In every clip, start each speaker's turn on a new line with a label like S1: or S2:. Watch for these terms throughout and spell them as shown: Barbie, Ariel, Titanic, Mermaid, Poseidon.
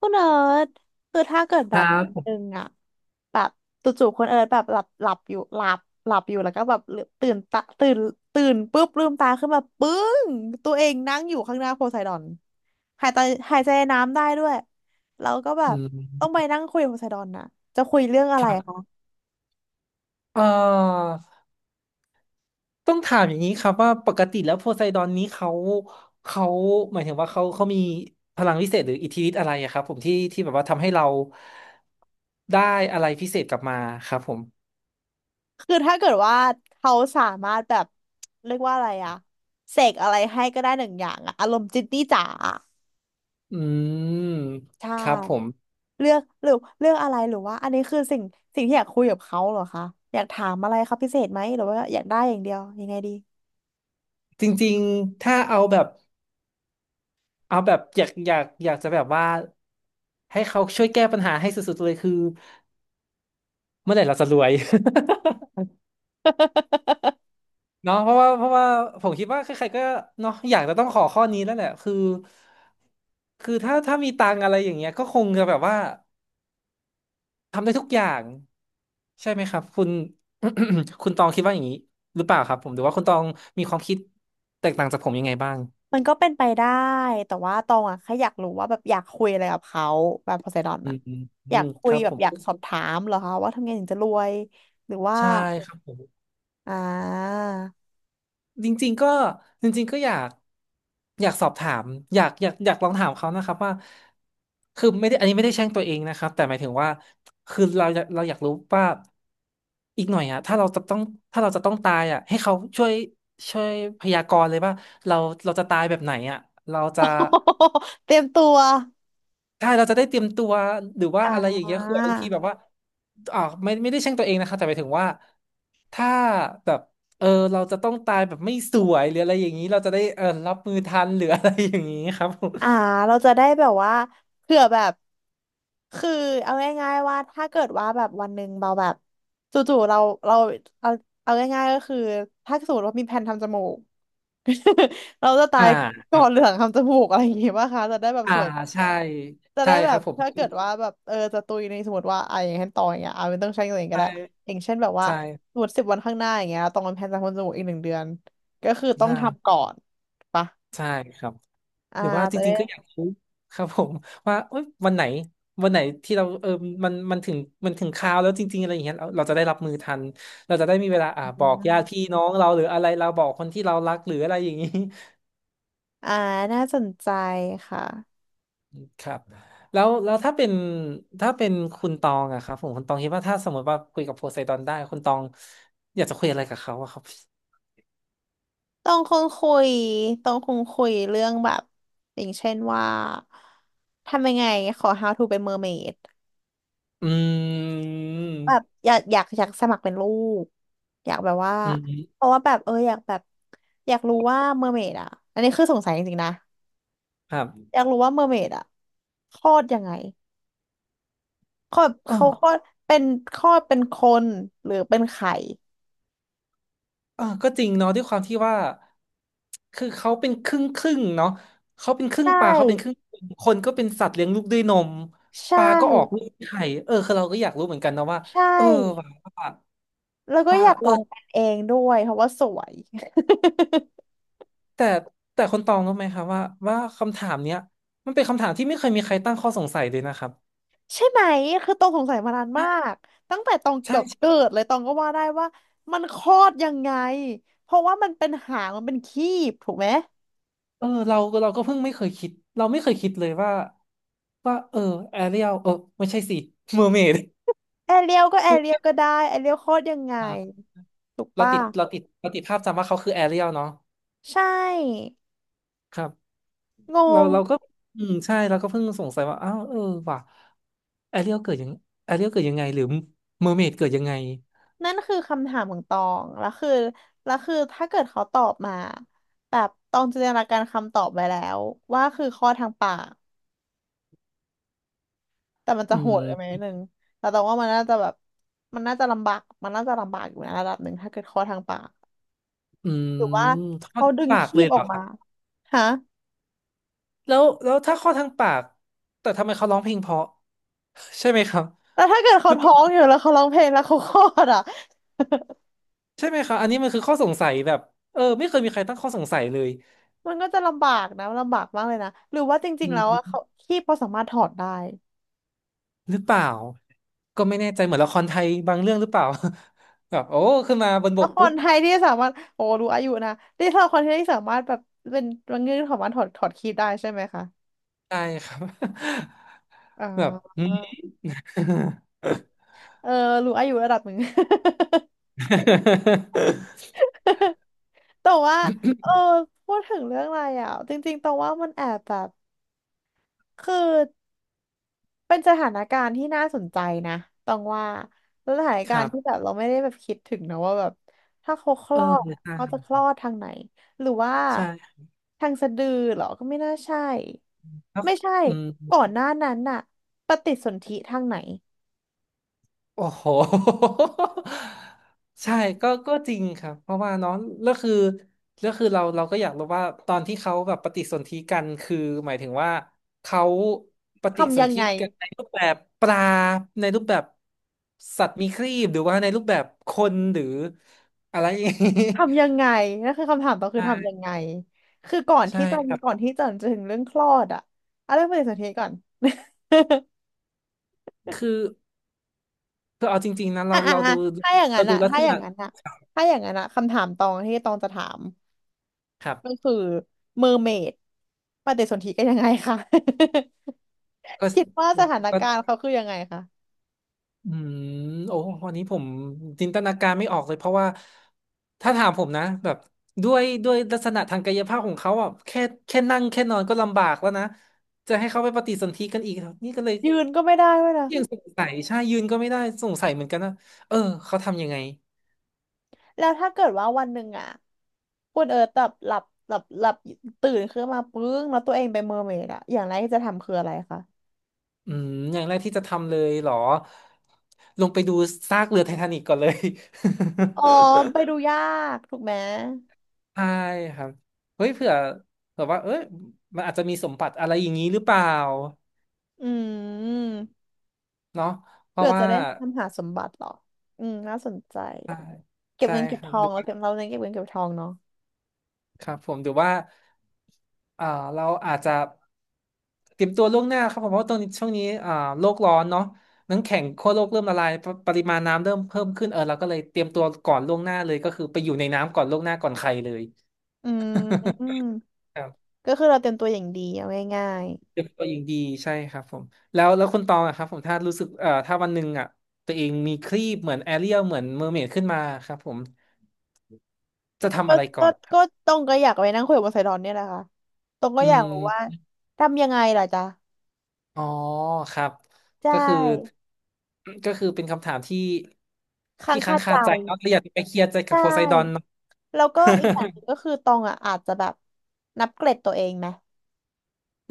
S1: คุณเอิร์ธคือถ้าเกิด
S2: ค
S1: แบ
S2: รั
S1: บ
S2: บ
S1: วัน
S2: ผ
S1: หนึ่
S2: ม
S1: งอะแบบจู่ๆคุณเอิร์ธแบบหลับหลับอยู่หลับหลับอยู่แล้วก็แบบลืมตื่นตาตื่นปุ๊บลืมตาขึ้นมาปึ้งตัวเองนั่งอยู่ข้างหน้าโพไซดอนหายใจหายใจน้ำได้ด้วยแล้วก็แบ
S2: อื
S1: บต้องไป
S2: ม
S1: นั่งคุยกับโพไซดอนนะจะคุยเรื่องอะ
S2: ค
S1: ไรคะ
S2: รับเอ่อต้องถามอย่างนี้ครับว่าปกติแล้วโพไซดอนนี้เขา หมายถึงว่าเขามีพลังวิเศษหรืออิทธิฤทธิ์อะไรอะครับผมที่แบบว่าทำให้เราได้อะไรพิเศษกลับมาครับผม
S1: คือถ้าเกิดว่าเขาสามารถแบบเรียกว่าอะไรอะเสกอะไรให้ก็ได้1 อย่างอะอารมณ์จินนี่จ๋า
S2: อืม
S1: ใช่
S2: ครับผม
S1: เลือกหรือเลือกอะไรหรือว่าอันนี้คือสิ่งที่อยากคุยกับเขาเหรอคะอยากถามอะไรคขาพิเศษไหมหรือว่าอยากได้อย่างเดียวยังไงดี
S2: จริงๆ ถ้าเอาแบบเอาแบบอยากจะแบบว่าให้เขาช่วยแก้ปัญหาให้สุดๆเลยคือเมื่อไหร่เราจะรวย เนาะเพราะว่าผมคิดว่าใครๆก็เนาะอยากจะต้องขอข้อนี้แล้วแหละคือคือถ้ามีตังค์อะไรอย่างเงี้ยก็คงจะแบบว่าทำได้ทุกอย่างใช่ไหมครับคุณ คุณตองคิดว่าอย่างนี้หรือเปล่าครับผมหรือว่าคุณตองมีความคิดแตกต่างจากผมยังไงบ้าง
S1: มันก็เป็นไปได้แต่ว่าตองอะแค่อยากรู้ว่าแบบอยากคุยอะไรกับเขาแบบโพไซดอน
S2: อื
S1: อะ
S2: มอืมอื
S1: อยาก
S2: มค
S1: คุย
S2: รับ
S1: แบ
S2: ผ
S1: บอยาก
S2: ม
S1: สอบถามเหรอคะว่าทำไงถึงจะรวยหรือว่า
S2: ใช่ครับผม
S1: อ่า
S2: จริงๆก็จริงๆก็อยากอยากสอบถามอยากลองถามเขานะครับว่าคือไม่ได้อันนี้ไม่ได้แช่งตัวเองนะครับแต่หมายถึงว่าคือเราอยากรู้ว่าอีกหน่อยอะถ้าเราจะต้องถ้าเราจะต้องตายอะให้เขาช่วยช่วยพยากรณ์เลยว่าเราเราจะตายแบบไหนอะเราจะ
S1: เตรียมตัว
S2: ใช่เราจะได้เตรียมตัวหรือว่าอะไรอ
S1: อ่า
S2: ย่างเงี้ยคือบางทีแบบว่าไม่ได้แช่งตัวเองนะคะแต่หมายถึงว่าถ้าแบบเออเราจะต้องตายแบบไม่สวยหรืออะไรอย่างนี้เราจะได้รับมือทันหรืออะไรอย่างนี้ครับผม
S1: อ่าเราจะได้แบบว่าเผื่อแบบ คือเอาง่ายๆว่าถ้าเกิดว่าแบบวันหนึ่งเราแบบจู่ๆเราเอาง่ายๆก็คือถ้าสมมติว่ามีแผนทำจมูก เราจะตา
S2: อ่า
S1: ย
S2: ค
S1: ก่
S2: รั
S1: อนเห
S2: บ
S1: ลืองทำจมูกอะไรอย่างงี้ป่ะคะจะได้แบบ
S2: อ่า
S1: สวยก่
S2: ใช่
S1: อนจะ
S2: ใช่
S1: ได้แบ
S2: ครั
S1: บ
S2: บผม
S1: ถ้าเกิดว่าแบบจะตุยในสมมติว่าอ่ะอย่างเช่นตองอย่างเงี้ยอ่ะไม่ต้องใช้เงินก็
S2: ใช่
S1: ได้อย่างเช่นแบบว่า
S2: ใช่
S1: สมมติ10 วันข้างหน้าอย่างเงี้ยตองเป็นแผนทำจมูกอีก1 เดือนก็คือต้อง
S2: ใช่
S1: ทำก่อนปะ
S2: ใช่ครับ
S1: อ่า
S2: หรือว่าจ
S1: จะ
S2: ริ
S1: ได้
S2: งๆก็อยากรู้ครับผมว่าเอ้ยวันไหนวันไหนที่เรามันมันถึงคราวแล้วจริงๆอะไรอย่างเงี้ยเราจะได้รับมือทันเราจะได้มีเวลาบอกญาติพี่น้องเราหรืออะไรเราบอกคนที่เรารักหรืออะไรอย่างนี้
S1: อ่าน่าสนใจค่ะ
S2: ครับแล้วแล้วถ้าเป็นถ้าเป็นคุณตองอะครับผมคุณตองคิดว่าถ้าสมมติว่าคุยกับโพไซดอนได้คุณตองอยากจะคุยอะไรกับเขาอะครับ
S1: ต้องคงคุยต้องคงคุยเรื่องแบบอย่างเช่นว่าทำยังไงขอ how to เป็นเมอร์เมด
S2: อื
S1: แบ
S2: ม
S1: บอยากสมัครเป็นลูกอยากแบบว่า
S2: อื
S1: เพ
S2: ม
S1: ราะว่าแบบอยากแบบอยากรู้ว่าเมอร์เมดอ่ะอันนี้คือสงสัยจริงๆนะ
S2: ครั
S1: อยากรู้ว่าเมอร์เมดอ่ะคลอดยังไงคลอดเขาค
S2: บ
S1: ลอดเป็นคลอดเป็นคนหรือเป็นไข่
S2: เออก็จริงเนาะด้วยความที่ว่าคือเขาเป็นครึ่งครึ่งเนาะเขาเป็นครึ่ง
S1: ใช่
S2: ปลาเขาเป็นครึ่งคนคนก็เป็นสัตว์เลี้ยงลูกด้วยนม
S1: ใช่
S2: ปลาก็ออกลูกไข่เออคือเราก็อยากรู้เหมือนกันนะว่า
S1: ใช่
S2: เออว่าว่า
S1: แล้วก็
S2: ปลา
S1: อยากลองเป็นเองด้วยเพราะว่าสวย
S2: แต่แต่คนตองรู้ไหมครับว่าว่าคำถามเนี้ยมันเป็นคำถามที่ไม่เคยมีใครตั้งข้อสงสัยเลยนะครับ
S1: ใช่ไหมคือตองสงสัยมานาน
S2: ใช่
S1: มากตั้งแต่ตอง
S2: ใช่
S1: เกือบ
S2: ใช่
S1: เกิดเลยตองก็ว่าได้ว่ามันคลอดยังไงเพราะว่ามันเป็นหางมันเป็นครีบถูกไหม
S2: เออเราเราก็เพิ่งไม่เคยคิดเราไม่เคยคิดเลยว่าว่าแอเรียลไม่ใช่สิเมอร์เมด
S1: แอเรียลก็แอเรียลก็ได้แอเรียลคลอดยังไงถูก
S2: เรา
S1: ป่ะ
S2: ติดเราติดเราติดภาพจำว่าเขาคือแอเรียลเนาะ
S1: ใช่
S2: ครับ
S1: ง
S2: เรา
S1: ง
S2: เราก็อืมใช่เราก็เพิ่งสงสัยว่าอ้าวว่ะแอเรียลเกิดยังแอเรียลเกิดยังไงหรือเมอร์เมดเกิดยังไง
S1: นั่นคือคำถามของตองแล้วคือแล้วคือถ้าเกิดเขาตอบมาแบบตองจินตนาการคำตอบไว้แล้วว่าคือคลอดทางปาก แต่มันจะ
S2: อื
S1: โหดกันไหมน
S2: ม
S1: ดนึงแต่ตรงว่ามันน่าจะแบบมันน่าจะลำบากมันน่าจะลำบากอยู่นะระดับหนึ่งถ้าเกิดคลอดทางปาก
S2: อืม
S1: หรือว่า
S2: ท่อ
S1: เขา
S2: ท
S1: ดึง
S2: ปาก
S1: คี
S2: เล
S1: บ
S2: ยเห
S1: อ
S2: ร
S1: อ
S2: อ
S1: ก
S2: ค
S1: มา
S2: รับ
S1: ฮะ
S2: แล้วแล้วถ้าข้อทางปากแต่ทำไมเขาร้องเพลงเพราะใช่ไหมครับ
S1: แต่ถ้าเกิด
S2: ห
S1: เขา
S2: รือเป
S1: ท้อ
S2: ล่า
S1: งอยู่แล้วเขาร้องเพลงแล้วเขาคลอดอ่ะ
S2: ใช่ไหมครับอันนี้มันคือข้อสงสัยแบบไม่เคยมีใครตั้งข้อสงสัยเลย
S1: มันก็จะลำบากนะลำบากมากเลยนะหรือว่าจริ
S2: อื
S1: งๆแล้วอะ
S2: ม
S1: เขาคีบเขาสามารถถอดได้
S2: หรือเปล่าก็ไม่แน่ใจเหมือนละครไทยบางเรื่องหรือเปล่า แบบโอ้ขึ้นมาบนบ
S1: แล้ว
S2: ก
S1: ค
S2: ปุ๊
S1: น
S2: บ
S1: ไทยที่สามารถโอ้รู้อายุนะที่เราคนไทยที่สามารถแบบเป็นมันเงื่อนของมันถอดคีบได้ใช่ไหมคะ
S2: ใช่ครับ
S1: อ๋อ
S2: แบบอืม
S1: เออรู้อายุระดับหนึ่ง แต่ว่าเออพูดถึงเรื่องอะไรอ่ะจริงๆตองว่ามันแอบแบบคือเป็นสถานการณ์ที่น่าสนใจนะตองว่าแล้วสถาน
S2: ค
S1: การ
S2: รั
S1: ณ์ที่
S2: บ
S1: แบบเราไม่ได้แบบคิดถึงนะว่าแบบถ้าเขาคล
S2: อ
S1: อดอะ
S2: ใช่
S1: เขาจะคลอดทางไหนหรือว่า
S2: ใช่
S1: ทางสะดือเหรอก็ไม่น่าใช่
S2: แล้ว
S1: ไม่ใช่
S2: อืม
S1: ก่อนหน้านั้นน่ะปฏิสนธิทางไหน
S2: โอ้โห ใช่ก็ก็จริงครับเพราะว่าน้องแล้วคือแล้วคือเราก็อยากรู้ว่าตอนที่เขาแบบปฏิสนธิกันคือหมายถึงว่าเขาปฏิส
S1: ทำยั
S2: น
S1: ง
S2: ธิ
S1: ไง
S2: กันในรูปแบบปลาในรูปแบบสัตว์มีครีบหรือว่าในรูปแบบคนหรืออะไร อย่างนี้
S1: ทำยังไงนั่นคือคำถามต่อคือทำยัง
S2: ใช่
S1: ไงคือก่อน
S2: ใช่
S1: ที่จะ
S2: ค
S1: มี
S2: รับ
S1: ก่อนที่จะถึงเรื่องคลอดอะเอาเรื่องปฏิสนธิก่อน
S2: คือคือเอาจริงๆนะ เรา
S1: อ่ะอ่ะ
S2: เรา
S1: อ่ะ
S2: ดู
S1: ถ้าอย่างนั้
S2: เรา
S1: น
S2: ดู
S1: อะ
S2: ลัก
S1: ถ้า
S2: ษ
S1: อย่า
S2: ณะ
S1: งนั้นอะถ้าอย่างนั้นอะคำถามตองที่ตองจะถาม
S2: ครั
S1: ก็
S2: บ
S1: คือเมอร์เมดปฏิสนธิกันยังไงคะ
S2: ก็
S1: คิดว่าสถาน
S2: ก็
S1: การณ์เขาคือยังไงคะ
S2: อืมโอ้วันนี้ผมจินตนาการไม่ออกเลยเพราะว่าถ้าถามผมนะแบบด้วยลักษณะทางกายภาพของเขาอ่ะแค่แค่นั่งแค่นอนก็ลำบากแล้วนะจะให้เขาไปปฏิสนธิกันอีกนี่ก็เลย
S1: ยืนก็ไม่ได้ด้วยนะ
S2: ยังสงสัยใช่ยืนก็ไม่ได้สงสัยเหมือนกันนะเออเขาทำยังไง
S1: แล้วถ้าเกิดว่าวันหนึ่งอะคุณเอิร์ธแบบหลับหลับหลับตื่นขึ้นมาปึ้งแล้วตัวเองเป็นเมอร์เมดอะอย่างแรกที่จะทำคืออะไรคะ
S2: อืมอย่างแรกที่จะทำเลยเหรอลงไปดูซากเรือไททานิกก่อนเลย
S1: อ๋อไป ดูยากถูกไหม
S2: ใช่ครับเฮ้ยเผื่อว่าเอ้ยมันอาจจะมีสมบัติอะไรอย่างนี้หรือเปล่า
S1: อืม
S2: เนาะเพ
S1: เพื่
S2: ราะ
S1: อ
S2: ว่า
S1: จะได้ตามหาสมบัติเหรออืมน่าสนใจ
S2: ใช่
S1: เก็บ
S2: ใช่
S1: เงินเก็
S2: ค
S1: บ
S2: รั
S1: ท
S2: บ
S1: อ
S2: หรื
S1: ง
S2: อว่า
S1: เราเน้นเก็บเงินเก็บทองเนาะ
S2: ครับผมหรือว่าอ่าเราอาจจะเตรียมตัวล่วงหน้าครับผมเพราะว่าตอนนี้ช่วงนี้โลกร้อนเนาะน้ำแข็งขั้วโลกเริ่มละลายปปริมาณน้ำเริ่มเพิ่มขึ้นเออเราก็เลยเตรียมตัวก่อนล่วงหน้าเลยก็คือไปอยู่ในน้ำก่อนล่วงหน้าก่อนใครเลย
S1: อืม ก็คือเราเตรียมตัวอย่างดีเอาง่าย
S2: เด็กตัวเองดีใช่ครับผมแล้วคุณตองอะครับผมถ้ารู้สึกถ้าวันหนึ่งอ่ะตัวเองมีครีปเหมือนแอเรียลเหมือนเมอร์เมดขึ้นมาครับผมจะ
S1: ๆ
S2: ทำอะไรก่อ
S1: ก็
S2: น
S1: ก็ตรงก็อยากไปนั่งคุยกับไซดอนเนี่ยแหละค่ะตรงก็
S2: อื
S1: อยากรู้ว่า
S2: ม
S1: ทำยังไงล่ะจ๊ะ
S2: อ๋อครับ
S1: ใช
S2: ก็คือ
S1: ่
S2: ก็คือเป็นคำถามที่
S1: ค้า
S2: ที่
S1: ง
S2: ค้า
S1: คา
S2: ง
S1: ใจ
S2: คาใจเนาะเราอยากไปเคลียร์ใจกั
S1: ใช่
S2: บโพไซดอนเนาะ
S1: แล้วก็อีกอย่างหนึ่งก็ คือตองอ่ะอาจจะแบบนับเกรดตัวเองไหม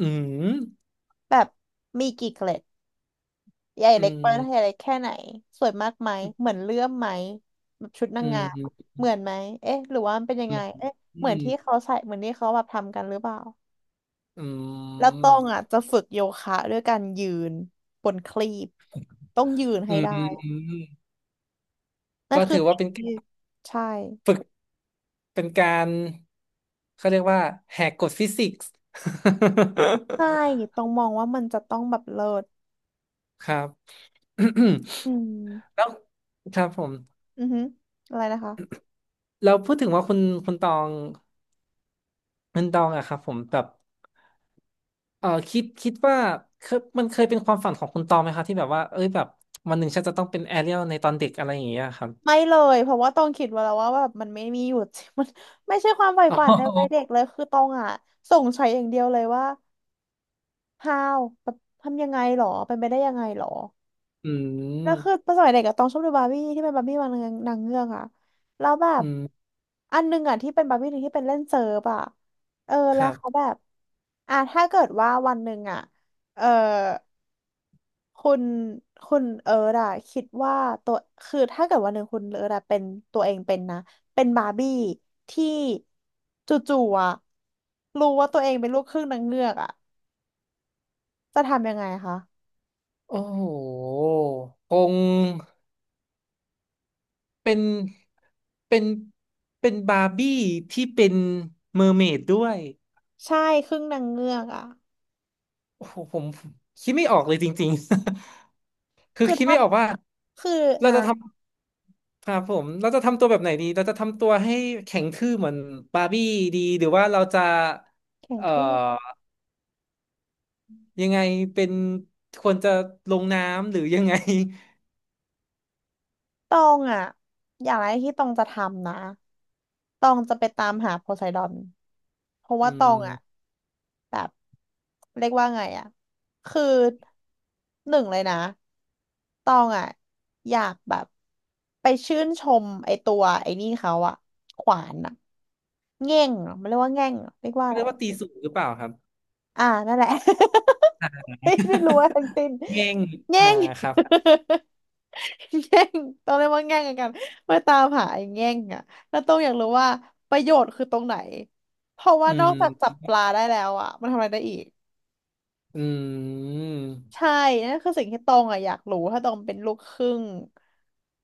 S2: อืม
S1: แบบมีกี่เกรด ใหญ่
S2: อื
S1: เล็กประเทศ
S2: ม
S1: เล็กแค่ไหนสวยมากไหมเหมือนเลื่อมไหมแบบชุดนา
S2: อื
S1: ง
S2: ม
S1: งาม
S2: อืม
S1: อะเหมือนไหมเอ๊ะหรือว่ามันเป็นยังไงเอ๊ะ
S2: อื
S1: เหมือน
S2: ม
S1: ที่เขาใส่เหมือนที่เขาแบบทำกันหรือเปล่า
S2: อื
S1: แล้วต้อง
S2: ม
S1: อ่ะจะฝึกโยคะด้วยการยืนบนคลีปต้องยืน
S2: อื
S1: ให้ได้
S2: ม
S1: นั่
S2: ก็
S1: นคื
S2: ถื
S1: อ
S2: อว่า
S1: สิ่ง
S2: เป็นกา
S1: ที่
S2: ร
S1: ใช่
S2: ฝึก เป็นการเขาเรียกว่าแหกกฎฟิสิกส์
S1: ใช่ ต้องมองว่ามันจะต้องแบบเลิศ
S2: ครับ
S1: อื ม
S2: แล้วครับผม
S1: อือฮึอะไรนะคะ
S2: เราพูดถึงว่าคุณตองคุณตองอะครับผมแบบเออคิดว่าเคยมันเคยเป็นความฝันของคุณตองไหมครับที่แบบว่าเอ้ยแบบวันหนึ่งฉันจะต้องเป็นแอเรียลในตอนเด็กอะไรอย่างเงี้ยครับ
S1: ไม่เลยเพราะว่าต้องคิดไว้แล้วว่าแบบมันไม่มีหยุด มันไม่ใช่ความใฝ่ฝั น
S2: อ๋อ
S1: ในวัยเด็กเลยคือต้องอ่ะสงสัยอย่างเดียวเลยว่า how แบบทำยังไงหรอเป็นไปได้ยังไงหรอ
S2: อื
S1: แล้วคือ
S2: ม
S1: ตอนสมัยเด็กอะต้องชอบดูบาร์บี้ที่เป็นบาร์บี้นางนางเงือกอะแล้วแบบ
S2: อืม
S1: อันหนึงอะที่เป็นบาร์บี้หนึ่งที่เป็นเล่นเซิร์ฟอะเออ
S2: ค
S1: แล้ว
S2: รั
S1: เขา
S2: บ
S1: แบบอ่ะถ้าเกิดว่าวันหนึ่งอะเออ คุณคุณเอิร์ธอะคิดว่าตัวคือถ้าเกิดวันหนึ่งคุณเอิร์ธอะเป็นตัวเองเป็นนะเป็นบาร์บี้ที่จู่ๆอะรู้ว่าตัวเองเป็นลูกครึ่งนางเงือกอะจะทำยังไงคะ
S2: โอ้โหคง เป็นเป็นเป็นบาร์บี้ที่เป็นเมอร์เมดด้วย
S1: ใช่ครึ่งนางเงือกอะ
S2: โอ้โหผมคิดไม่ออกเลยจริงๆ คือ
S1: คือ
S2: คิด
S1: ถ้า
S2: ไม่ออกว่า
S1: คือ
S2: เรา
S1: อ่ะ
S2: จะทำครับผมเราจะทำตัวแบบไหนดีเราจะทำตัวให้แข็งทื่อเหมือนบาร์บี้ดีหรือว่าเราจะ
S1: แข็ง
S2: เอ่อ
S1: ทื่อ
S2: ยังไงเป็นควรจะลงน้ำหรือยังไง
S1: ตองอ่ะอย่างแรกที่ตองจะทำนะตองจะไปตามหาโพไซดอนเพราะ
S2: อื
S1: ว่าตอง
S2: ม
S1: อ่ะแบบเรียกว่าไงอ่ะคือหนึ่งเลยนะตองอ่ะอยากแบบไปชื่นชมไอตัวไอ้นี่เขาอ่ะขวานอ่ะแง่งเหรอมันเรียกว่าแง่งเหรอเรียกว่า
S2: ไม่
S1: อะไร
S2: รู้ว่าตีสูงหรือเปล่าครับ
S1: อ่านั่นแหละ ไม่ได้รู้อะไรทั้ง สิ้น
S2: แง่ง
S1: แง่
S2: อ่า
S1: ง
S2: ครับ
S1: แง่งต้องเรียกว่าแง่งกันมาตามหาไอ้แง่งอ่ะแล้วต้องอยากรู้ว่าประโยชน์คือตรงไหน เพราะว่า
S2: อื
S1: นอก
S2: ม
S1: จากจับปลาได้แล้วอ่ะ มันทำอะไรได้อีก
S2: อืม
S1: ใช่นั่นคือสิ่งที่ตองอ่ะอยากรู้ ถ้าตองเป็นลูกครึ่ง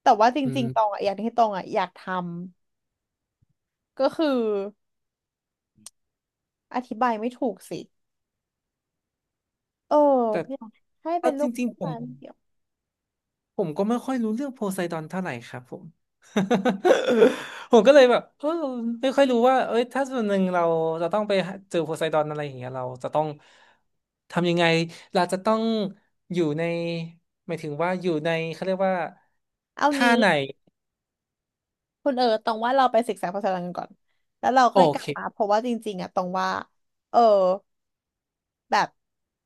S1: แต่ว่าจ
S2: อื
S1: ริ
S2: ม
S1: งๆตองอ่ะอย่างที่ตองอ่ะอยากทำก็คืออธิบายไม่ถูกสิเออ
S2: แต่
S1: อยากให้เป็
S2: เอา
S1: น
S2: จ
S1: ลูกค
S2: ริง
S1: รึ่ง
S2: ๆผ
S1: มา
S2: ม
S1: เดียว
S2: ผมก็ไม่ค่อยรู้เรื่องโพไซดอนเท่าไหร่ครับผม ผมก็เลยแบบเออไม่ค่อยรู้ว่าเอ้ยถ้าส่วนหนึ่งเราจะต้องไปหาเจอโพไซดอนอะไรอย่างเงี้ยเราจะต้องทำยังไงเราจะต้องอยู่ในหมายถึงว่าอยู่ในเขาเรียกว่า
S1: เอา
S2: ท่า
S1: งี้
S2: ไหน
S1: คุณเออตรงว่าเราไปศึกษาภาษาอังกฤษก่อนแล้วเรา
S2: โอ
S1: ค่อยกลับมา
S2: เค
S1: เพราะว่าจริงๆอะตรงว่าเออแบบ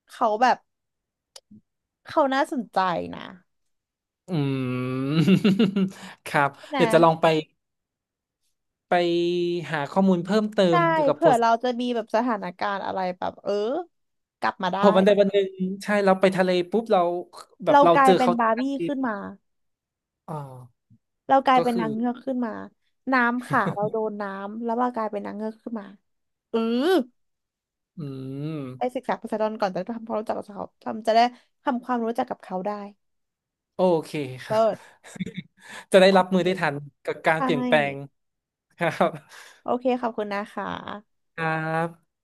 S1: เขาแบบเขาน่าสนใจนะ
S2: อืม ครับ
S1: ใช่ไหม
S2: เดี๋ยวจะลองไปหาข้อมูลเพิ่มเติ
S1: ใช่
S2: มเกี่ยวกับโพ
S1: เผื่อเราจะมีแบบสถานการณ์อะไรแบบเออกลับมา
S2: พ
S1: ได้
S2: อวันใดวันหนึ่งใช่เราไปทะเลปุ๊บเราแบบ
S1: เรา
S2: เรา
S1: กลา
S2: เจ
S1: ย
S2: อ
S1: เป็น
S2: เขา
S1: บาร์
S2: ทัน
S1: บี้
S2: ที
S1: ขึ้นมา
S2: อ๋อ
S1: เรากลาย
S2: ก็
S1: เป็น
S2: คื
S1: นา
S2: อ
S1: งเงือกขึ้นมาน้ำค่ะเราโดนน้ำแล้วเรากลายเป็นนางเงือกขึ้นมาเออ
S2: อืม
S1: ไปศึกษาภาษาอังกฤษก่อนจะได้ทำความรู้จักกับเขาทำจะได้ทำความรู้จักกับเขาได้
S2: โอเคครับ
S1: เลิศ
S2: จะได้
S1: โอ
S2: รับ
S1: เค
S2: มือได้ทันกับการ
S1: ใช่
S2: เปลี่ยนแปลงครับ
S1: โอเคขอบคุณนะคะ
S2: ครับ